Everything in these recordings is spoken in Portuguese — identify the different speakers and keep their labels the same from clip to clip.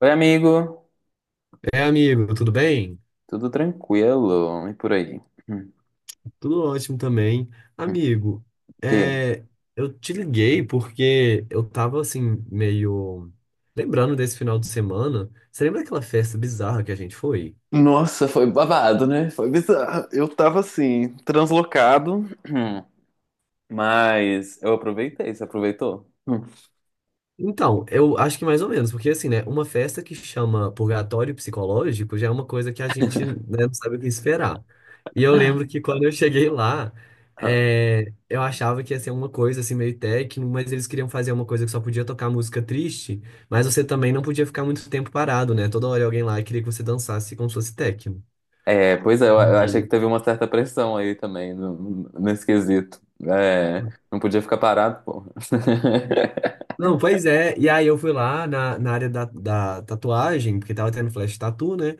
Speaker 1: Oi, amigo.
Speaker 2: É, amigo, tudo bem?
Speaker 1: Tudo tranquilo? E por aí? Hum.
Speaker 2: Tudo ótimo também. Amigo,
Speaker 1: O quê?
Speaker 2: é, eu te liguei porque eu tava assim, meio lembrando desse final de semana. Você lembra daquela festa bizarra que a gente foi?
Speaker 1: Nossa, foi babado, né? Foi bizarro. Eu tava assim, translocado. Hum. Mas eu aproveitei, você aproveitou? Hum.
Speaker 2: Então, eu acho que mais ou menos, porque assim, né, uma festa que chama purgatório psicológico já é uma coisa que a gente, né, não sabe o que esperar. E eu lembro que quando eu cheguei lá, eu achava que ia ser uma coisa assim meio técnico, mas eles queriam fazer uma coisa que só podia tocar música triste, mas você também não podia ficar muito tempo parado, né? Toda hora alguém lá queria que você dançasse como se fosse técnico.
Speaker 1: É, pois é, eu achei
Speaker 2: E-
Speaker 1: que teve uma certa pressão aí também nesse quesito. É, não podia ficar parado, pô.
Speaker 2: Não, pois é. E aí eu fui lá na área da tatuagem, porque tava tendo flash tattoo, né?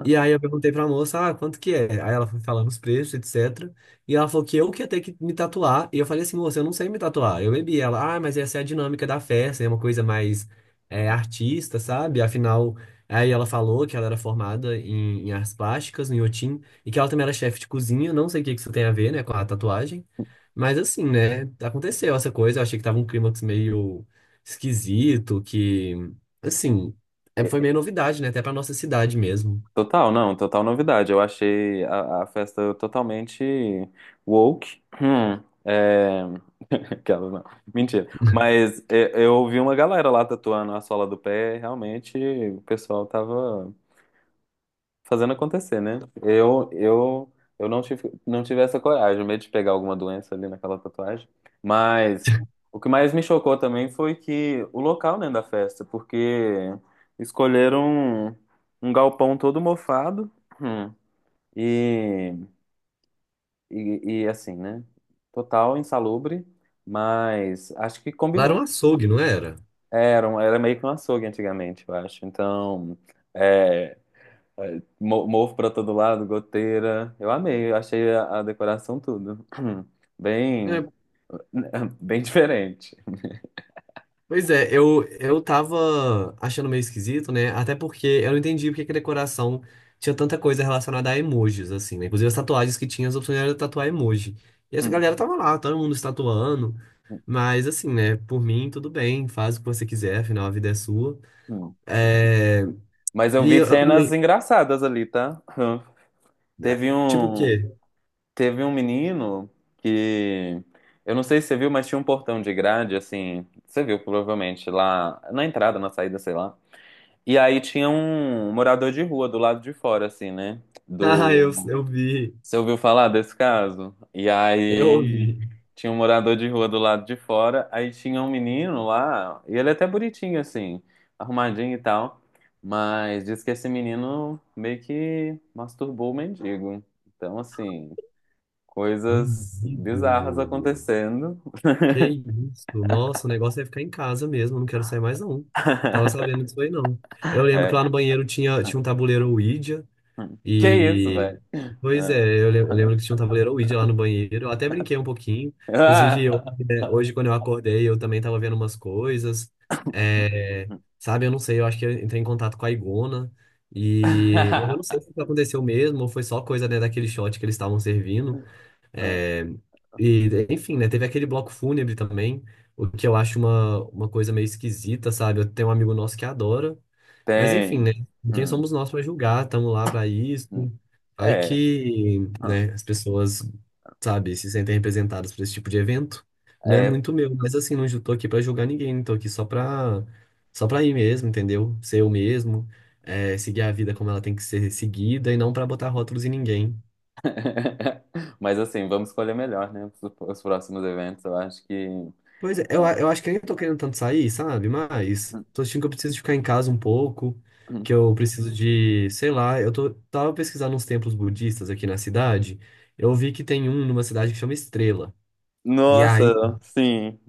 Speaker 2: E aí eu perguntei pra moça, ah, quanto que é? Aí ela foi falando os preços, etc. E ela falou que eu que ia ter que me tatuar. E eu falei assim, moça, eu não sei me tatuar. Eu bebi. Ela, ah, mas essa é a dinâmica da festa, é uma coisa mais artista, sabe? Afinal, aí ela falou que ela era formada em artes plásticas, no Inhotim, e que ela também era chefe de cozinha. Não sei o que que isso tem a ver, né, com a tatuagem. Mas assim, né, aconteceu essa coisa. Eu achei que tava um clímax meio esquisito, que, assim, foi meio novidade, né, até pra nossa cidade mesmo.
Speaker 1: Total, não, total novidade. Eu achei a festa totalmente woke. Hum. Aquelas não, mentira. Mas é, eu ouvi uma galera lá tatuando a sola do pé, realmente o pessoal tava fazendo acontecer, né? Eu não tive, não tive essa coragem, o medo de pegar alguma doença ali naquela tatuagem. Mas o que mais me chocou também foi que o local, né, da festa, porque escolheram um, um galpão todo mofado, hum, e, e assim, né? Total insalubre, mas acho que
Speaker 2: Lá era
Speaker 1: combinou.
Speaker 2: um açougue, não era?
Speaker 1: Era meio que um açougue antigamente, eu acho. Então, é, mofo pra todo lado, goteira. Eu amei, eu achei a decoração tudo. Bem,
Speaker 2: É,
Speaker 1: bem diferente.
Speaker 2: pois é, eu tava achando meio esquisito, né? Até porque eu não entendi porque que a decoração tinha tanta coisa relacionada a emojis, assim, né? Inclusive as tatuagens que tinha, as opções era tatuar emoji. E essa
Speaker 1: Hum,
Speaker 2: galera tava lá, todo mundo se tatuando. Mas assim, né? Por mim, tudo bem, faz o que você quiser, afinal a vida é sua.
Speaker 1: hum,
Speaker 2: É.
Speaker 1: hum. Mas eu
Speaker 2: E
Speaker 1: vi
Speaker 2: eu, eu
Speaker 1: cenas
Speaker 2: também.
Speaker 1: engraçadas ali, tá? Teve
Speaker 2: Tipo o
Speaker 1: um,
Speaker 2: quê?
Speaker 1: teve um menino que eu não sei se você viu, mas tinha um portão de grade assim, você viu provavelmente lá na entrada, na saída, sei lá. E aí tinha um morador de rua do lado de fora assim, né?
Speaker 2: Ah,
Speaker 1: Do
Speaker 2: eu vi.
Speaker 1: Você ouviu falar desse caso? E
Speaker 2: Eu
Speaker 1: aí
Speaker 2: vi.
Speaker 1: tinha um morador de rua do lado de fora, aí tinha um menino lá, e ele é até bonitinho assim, arrumadinho e tal, mas diz que esse menino meio que masturbou o mendigo. Então, assim, coisas
Speaker 2: Amigo.
Speaker 1: bizarras acontecendo.
Speaker 2: Que isso? Nossa, o negócio é ficar em casa mesmo, eu não quero sair mais não. Tava sabendo disso aí não. Eu lembro que lá
Speaker 1: É.
Speaker 2: no banheiro tinha um tabuleiro Ouija
Speaker 1: Que isso,
Speaker 2: e...
Speaker 1: velho?
Speaker 2: Pois é, eu lembro que tinha um tabuleiro Ouija lá no banheiro. Eu até brinquei um pouquinho. Inclusive, hoje quando eu acordei, eu também tava vendo umas coisas. É, sabe, eu não sei, eu acho que eu entrei em contato com a Igona. E... Mas eu não sei se isso aconteceu mesmo ou foi só coisa, né, daquele shot que eles estavam servindo. É, e, enfim, né? Teve aquele bloco fúnebre também, o que eu acho uma coisa meio esquisita, sabe? Eu tenho um amigo nosso que adora, mas enfim,
Speaker 1: Tem.
Speaker 2: né? Quem
Speaker 1: Hum,
Speaker 2: somos nós para julgar? Estamos lá para isso.
Speaker 1: hum.
Speaker 2: Vai
Speaker 1: É.
Speaker 2: que,
Speaker 1: Hum.
Speaker 2: né, as pessoas, sabe, se sentem representadas por esse tipo de evento. Não é
Speaker 1: É.
Speaker 2: muito meu, mas assim, não ju- tô aqui para julgar ninguém, tô aqui só pra ir mesmo, entendeu? Ser eu mesmo, seguir a vida como ela tem que ser seguida e não para botar rótulos em ninguém.
Speaker 1: Mas assim, vamos escolher melhor, né? Os próximos eventos, eu acho que.
Speaker 2: Pois é,
Speaker 1: É.
Speaker 2: eu acho que nem tô querendo tanto sair, sabe? Mas tô sentindo que eu preciso de ficar em casa um pouco, que eu preciso de, sei lá, tava pesquisando uns templos budistas aqui na cidade, eu vi que tem um numa cidade que chama Estrela. E aí
Speaker 1: Nossa, sim.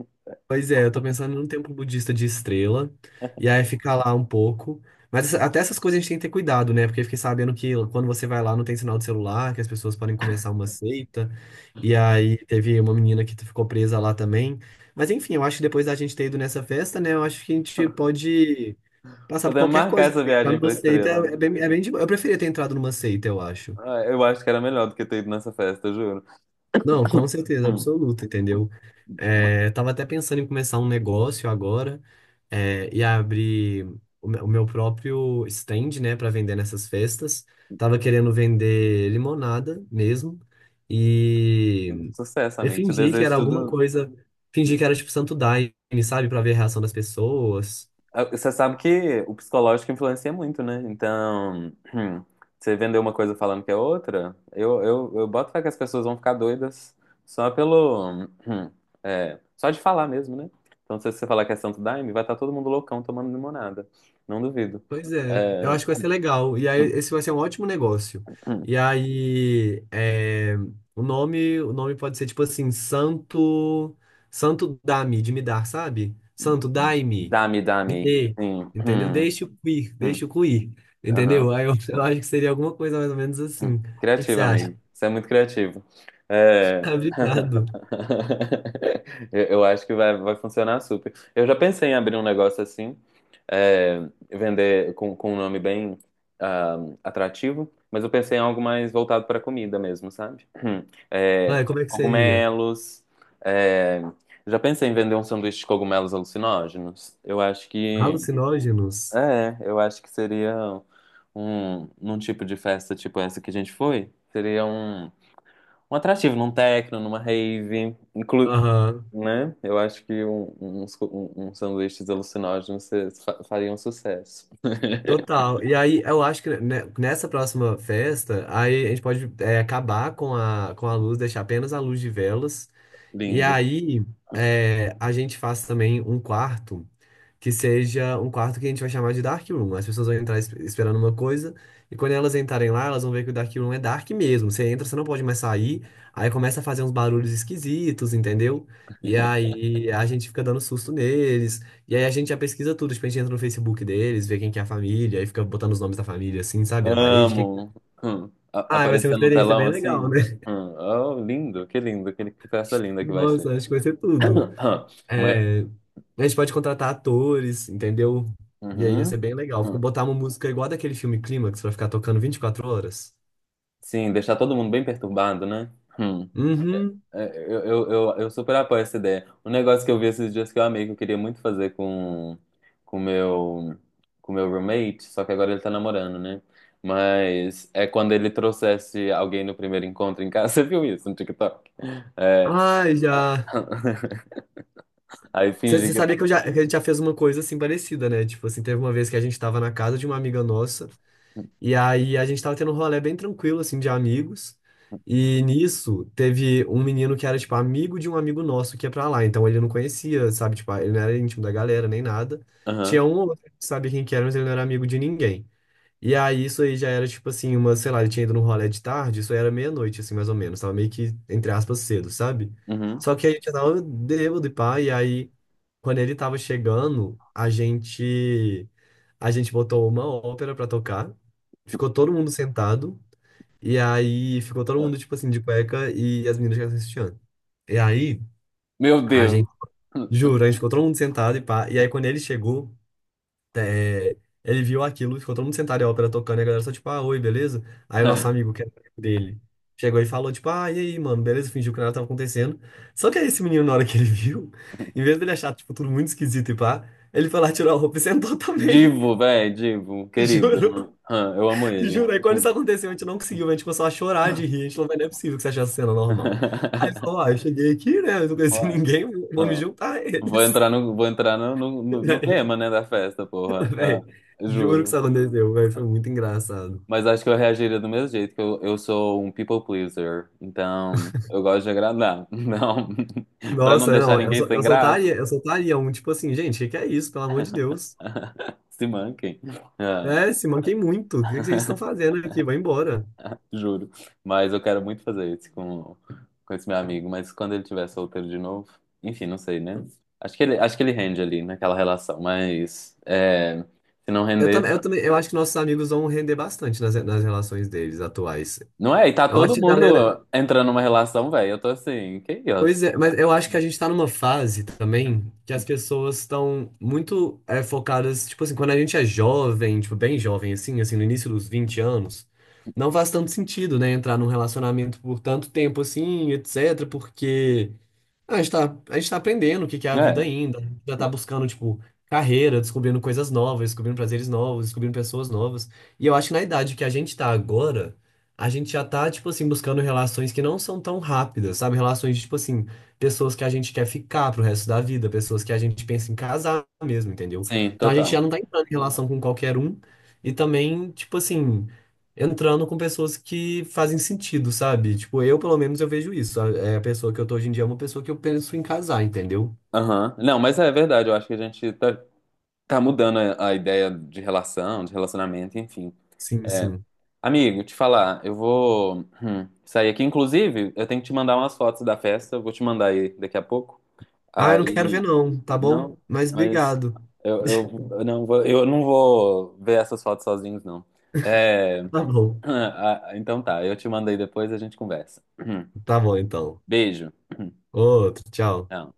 Speaker 2: pois é, eu tô pensando num templo budista de estrela, e aí ficar lá um pouco. Até essas coisas a gente tem que ter cuidado, né? Porque eu fiquei sabendo que quando você vai lá não tem sinal de celular, que as pessoas podem começar uma seita. E aí teve uma menina que ficou presa lá também. Mas enfim, eu acho que depois da gente ter ido nessa festa, né? Eu acho que a gente pode passar por
Speaker 1: Podemos
Speaker 2: qualquer
Speaker 1: marcar
Speaker 2: coisa.
Speaker 1: essa
Speaker 2: Também. Entrar
Speaker 1: viagem
Speaker 2: numa
Speaker 1: pra
Speaker 2: seita
Speaker 1: Estrela, né?
Speaker 2: é bem de... boa. Eu preferia ter entrado numa seita, eu acho.
Speaker 1: Ah, eu acho que era melhor do que ter ido nessa festa, eu juro.
Speaker 2: Não, com certeza
Speaker 1: Hum.
Speaker 2: absoluta, entendeu?
Speaker 1: Ma-
Speaker 2: É, eu tava até pensando em começar um negócio agora, e abrir o meu próprio stand, né, para vender nessas festas. Tava querendo vender limonada mesmo e,
Speaker 1: Sucesso,
Speaker 2: e
Speaker 1: amigo. Te
Speaker 2: fingir que
Speaker 1: desejo
Speaker 2: era alguma
Speaker 1: tudo.
Speaker 2: coisa, fingir que era tipo Santo Daime, sabe, para ver a reação das pessoas.
Speaker 1: Ah, você sabe que o psicológico influencia muito, né? Então, hum, você vender uma coisa falando que é outra, eu boto fé que as pessoas vão ficar doidas só pelo. hum, hum, só de falar mesmo, né? Então, se você falar que é Santo Daime, vai estar todo mundo loucão tomando limonada. Não duvido.
Speaker 2: Pois é, eu
Speaker 1: É,
Speaker 2: acho que vai ser legal. E aí,
Speaker 1: hum,
Speaker 2: esse vai ser um ótimo negócio.
Speaker 1: hum,
Speaker 2: E aí, o nome pode ser tipo assim, Santo, Santo Dá-me, de me dar, sabe? Santo dai-me,
Speaker 1: dame,
Speaker 2: me
Speaker 1: dame.
Speaker 2: dê,
Speaker 1: Sim.
Speaker 2: entendeu?
Speaker 1: Hum,
Speaker 2: Deixa
Speaker 1: hum.
Speaker 2: o cuir,
Speaker 1: Aham.
Speaker 2: entendeu? Aí eu acho que seria alguma coisa mais ou menos assim.
Speaker 1: Hum.
Speaker 2: O que que você
Speaker 1: Criativo,
Speaker 2: acha?
Speaker 1: amigo. Você é muito criativo. É...
Speaker 2: Obrigado.
Speaker 1: eu acho que vai funcionar super. Eu já pensei em abrir um negócio assim, é, vender com um nome bem ah, atrativo, mas eu pensei em algo mais voltado para comida mesmo, sabe? É,
Speaker 2: Ah, como é que seria?
Speaker 1: cogumelos. é, Já pensei em vender um sanduíche de cogumelos alucinógenos. Eu acho que
Speaker 2: Alucinógenos?
Speaker 1: é, eu acho que seria num tipo de festa tipo essa que a gente foi, seria um atrativo, num techno, numa rave,
Speaker 2: Aham.
Speaker 1: né? Eu acho que uns sanduíches alucinógenos fariam sucesso.
Speaker 2: Total. E aí, eu acho que nessa próxima festa, aí a gente pode acabar com a luz, deixar apenas a luz de velas. E
Speaker 1: Lindo.
Speaker 2: aí, a gente faz também um quarto que seja um quarto que a gente vai chamar de Dark Room. As pessoas vão entrar esperando uma coisa, e quando elas entrarem lá, elas vão ver que o Dark Room é dark mesmo. Você entra, você não pode mais sair, aí começa a fazer uns barulhos esquisitos, entendeu? E aí a gente fica dando susto neles, e aí a gente já pesquisa tudo, tipo, a gente entra no Facebook deles, vê quem que é a família, aí fica botando os nomes da família, assim, sabe, na parede. Que-
Speaker 1: Amo. Hum. A-
Speaker 2: Ah, vai ser uma
Speaker 1: Aparecer no
Speaker 2: experiência
Speaker 1: telão
Speaker 2: bem legal,
Speaker 1: assim.
Speaker 2: né?
Speaker 1: Hum. Oh, lindo, que lindo, que festa linda que vai ser.
Speaker 2: Nossa, acho que vai ser tudo.
Speaker 1: Mas,
Speaker 2: É, a gente pode contratar atores, entendeu? E aí ia ser
Speaker 1: uhum.
Speaker 2: bem legal. Fica
Speaker 1: Hum.
Speaker 2: botar uma música igual daquele filme Clímax pra ficar tocando 24 horas.
Speaker 1: Sim, deixar todo mundo bem perturbado, né? Hum.
Speaker 2: Uhum.
Speaker 1: É, eu super apoio essa ideia. Um negócio que eu vi esses dias que eu amei, que eu queria muito fazer com meu com meu roommate, só que agora ele tá namorando, né? Mas é quando ele trouxesse alguém no primeiro encontro em casa. Você viu isso no TikTok? É,
Speaker 2: Ai, já.
Speaker 1: aí fingi
Speaker 2: Você
Speaker 1: que.
Speaker 2: sabia que, eu já, que a gente já fez uma coisa assim parecida, né? Tipo assim, teve uma vez que a gente tava na casa de uma amiga nossa, e aí a gente tava tendo um rolê bem tranquilo, assim, de amigos. E nisso teve um menino que era, tipo, amigo de um amigo nosso que ia pra lá. Então ele não conhecia, sabe? Tipo, ele não era íntimo da galera nem nada. Tinha
Speaker 1: Aham,
Speaker 2: um ou outro que sabia quem que era, mas ele não era amigo de ninguém. E aí, isso aí já era tipo assim, uma, sei lá, ele tinha ido no rolê de tarde, isso aí era meia-noite, assim, mais ou menos. Tava meio que, entre aspas, cedo, sabe?
Speaker 1: uhum.
Speaker 2: Só que a gente tava bêbado e pá, e aí, quando ele tava chegando, a gente botou uma ópera pra tocar, ficou todo mundo sentado, e aí ficou todo mundo, tipo assim, de cueca e as meninas já assistindo. E aí,
Speaker 1: Meu
Speaker 2: a
Speaker 1: Deus!
Speaker 2: gente, juro, a gente ficou todo mundo sentado e pá, e aí quando ele chegou, é, ele viu aquilo, ficou todo mundo sentado e a ópera tocando, e a galera só tipo, ah, oi, beleza? Aí o nosso amigo, que era amigo dele, chegou e falou, tipo, ah, e aí, mano, beleza? Fingiu que nada tava acontecendo. Só que aí esse menino, na hora que ele viu, em vez dele achar, tipo, tudo muito esquisito e pá, ele foi lá, tirou a roupa e sentou também.
Speaker 1: Divo, velho, Divo, querido.
Speaker 2: Juro,
Speaker 1: Aham, eu amo ele.
Speaker 2: juro. Aí quando isso aconteceu, a gente não conseguiu, a gente começou a chorar de rir, a gente falou, "Mas não é possível que você achou essa cena normal. Aí ele falou, ah, eu cheguei aqui, né, eu não conheci
Speaker 1: Ué.
Speaker 2: ninguém, vou me juntar a
Speaker 1: Vou
Speaker 2: eles.
Speaker 1: entrar no, vou entrar no, no, no- no
Speaker 2: Véi,
Speaker 1: tema, né, da festa, porra. Ah,
Speaker 2: véi, juro que isso
Speaker 1: juro.
Speaker 2: aconteceu, véi, foi muito engraçado.
Speaker 1: Mas acho que eu reagiria do mesmo jeito, que eu sou um people pleaser. Então, eu gosto de agradar. Não, pra não
Speaker 2: Nossa,
Speaker 1: deixar
Speaker 2: não,
Speaker 1: ninguém sem graça.
Speaker 2: eu soltaria um tipo assim, gente, o que que é isso? Pelo amor de Deus.
Speaker 1: Se manquem. Ah,
Speaker 2: É, se manquem muito. O que que vocês estão fazendo aqui? Vai embora.
Speaker 1: juro. Mas eu quero muito fazer isso com esse meu amigo. Mas quando ele tiver solteiro de novo, enfim, não sei, né? Acho que ele rende ali naquela relação. Mas é, se não
Speaker 2: Eu
Speaker 1: render.
Speaker 2: também, eu também, eu acho que nossos amigos vão render bastante nas, nas relações deles atuais.
Speaker 1: Não é? E tá
Speaker 2: Eu acho
Speaker 1: todo
Speaker 2: que a galera,
Speaker 1: mundo entrando numa relação, velho. Eu tô assim, que isso?
Speaker 2: pois é, mas eu acho que a gente tá numa fase também que as pessoas estão muito focadas, tipo assim, quando a gente é jovem, tipo, bem jovem, assim, assim, no início dos 20 anos, não faz tanto sentido, né, entrar num relacionamento por tanto tempo assim, etc, porque a gente tá aprendendo o que que é a vida
Speaker 1: É,
Speaker 2: ainda, já tá buscando, tipo, carreira, descobrindo coisas novas, descobrindo prazeres novos, descobrindo pessoas novas, e eu acho que na idade que a gente tá agora, a gente já tá, tipo assim, buscando relações que não são tão rápidas, sabe? Relações de, tipo assim, pessoas que a gente quer ficar pro resto da vida, pessoas que a gente pensa em casar mesmo, entendeu?
Speaker 1: sim,
Speaker 2: Então a gente já
Speaker 1: total.
Speaker 2: não tá entrando em relação com qualquer um e também, tipo assim, entrando com pessoas que fazem sentido, sabe? Tipo, eu, pelo menos, eu vejo isso. É a pessoa que eu tô hoje em dia é uma pessoa que eu penso em casar, entendeu?
Speaker 1: Aham. Não, mas é verdade, eu acho que a gente tá mudando a ideia de relação, de relacionamento, enfim.
Speaker 2: Sim,
Speaker 1: É.
Speaker 2: sim.
Speaker 1: Amigo, te falar, eu vou sair aqui. Inclusive, eu tenho que te mandar umas fotos da festa, eu vou te mandar aí daqui a pouco.
Speaker 2: Ah, eu não quero
Speaker 1: Aí,
Speaker 2: ver não, tá bom?
Speaker 1: não,
Speaker 2: Mas
Speaker 1: mas
Speaker 2: obrigado.
Speaker 1: eu não vou ver essas fotos sozinhos, não. É.
Speaker 2: Tá bom.
Speaker 1: Ah, ah, então tá, eu te mandei depois e a gente conversa.
Speaker 2: Tá bom, então.
Speaker 1: Beijo.
Speaker 2: Outro, tchau.
Speaker 1: Não.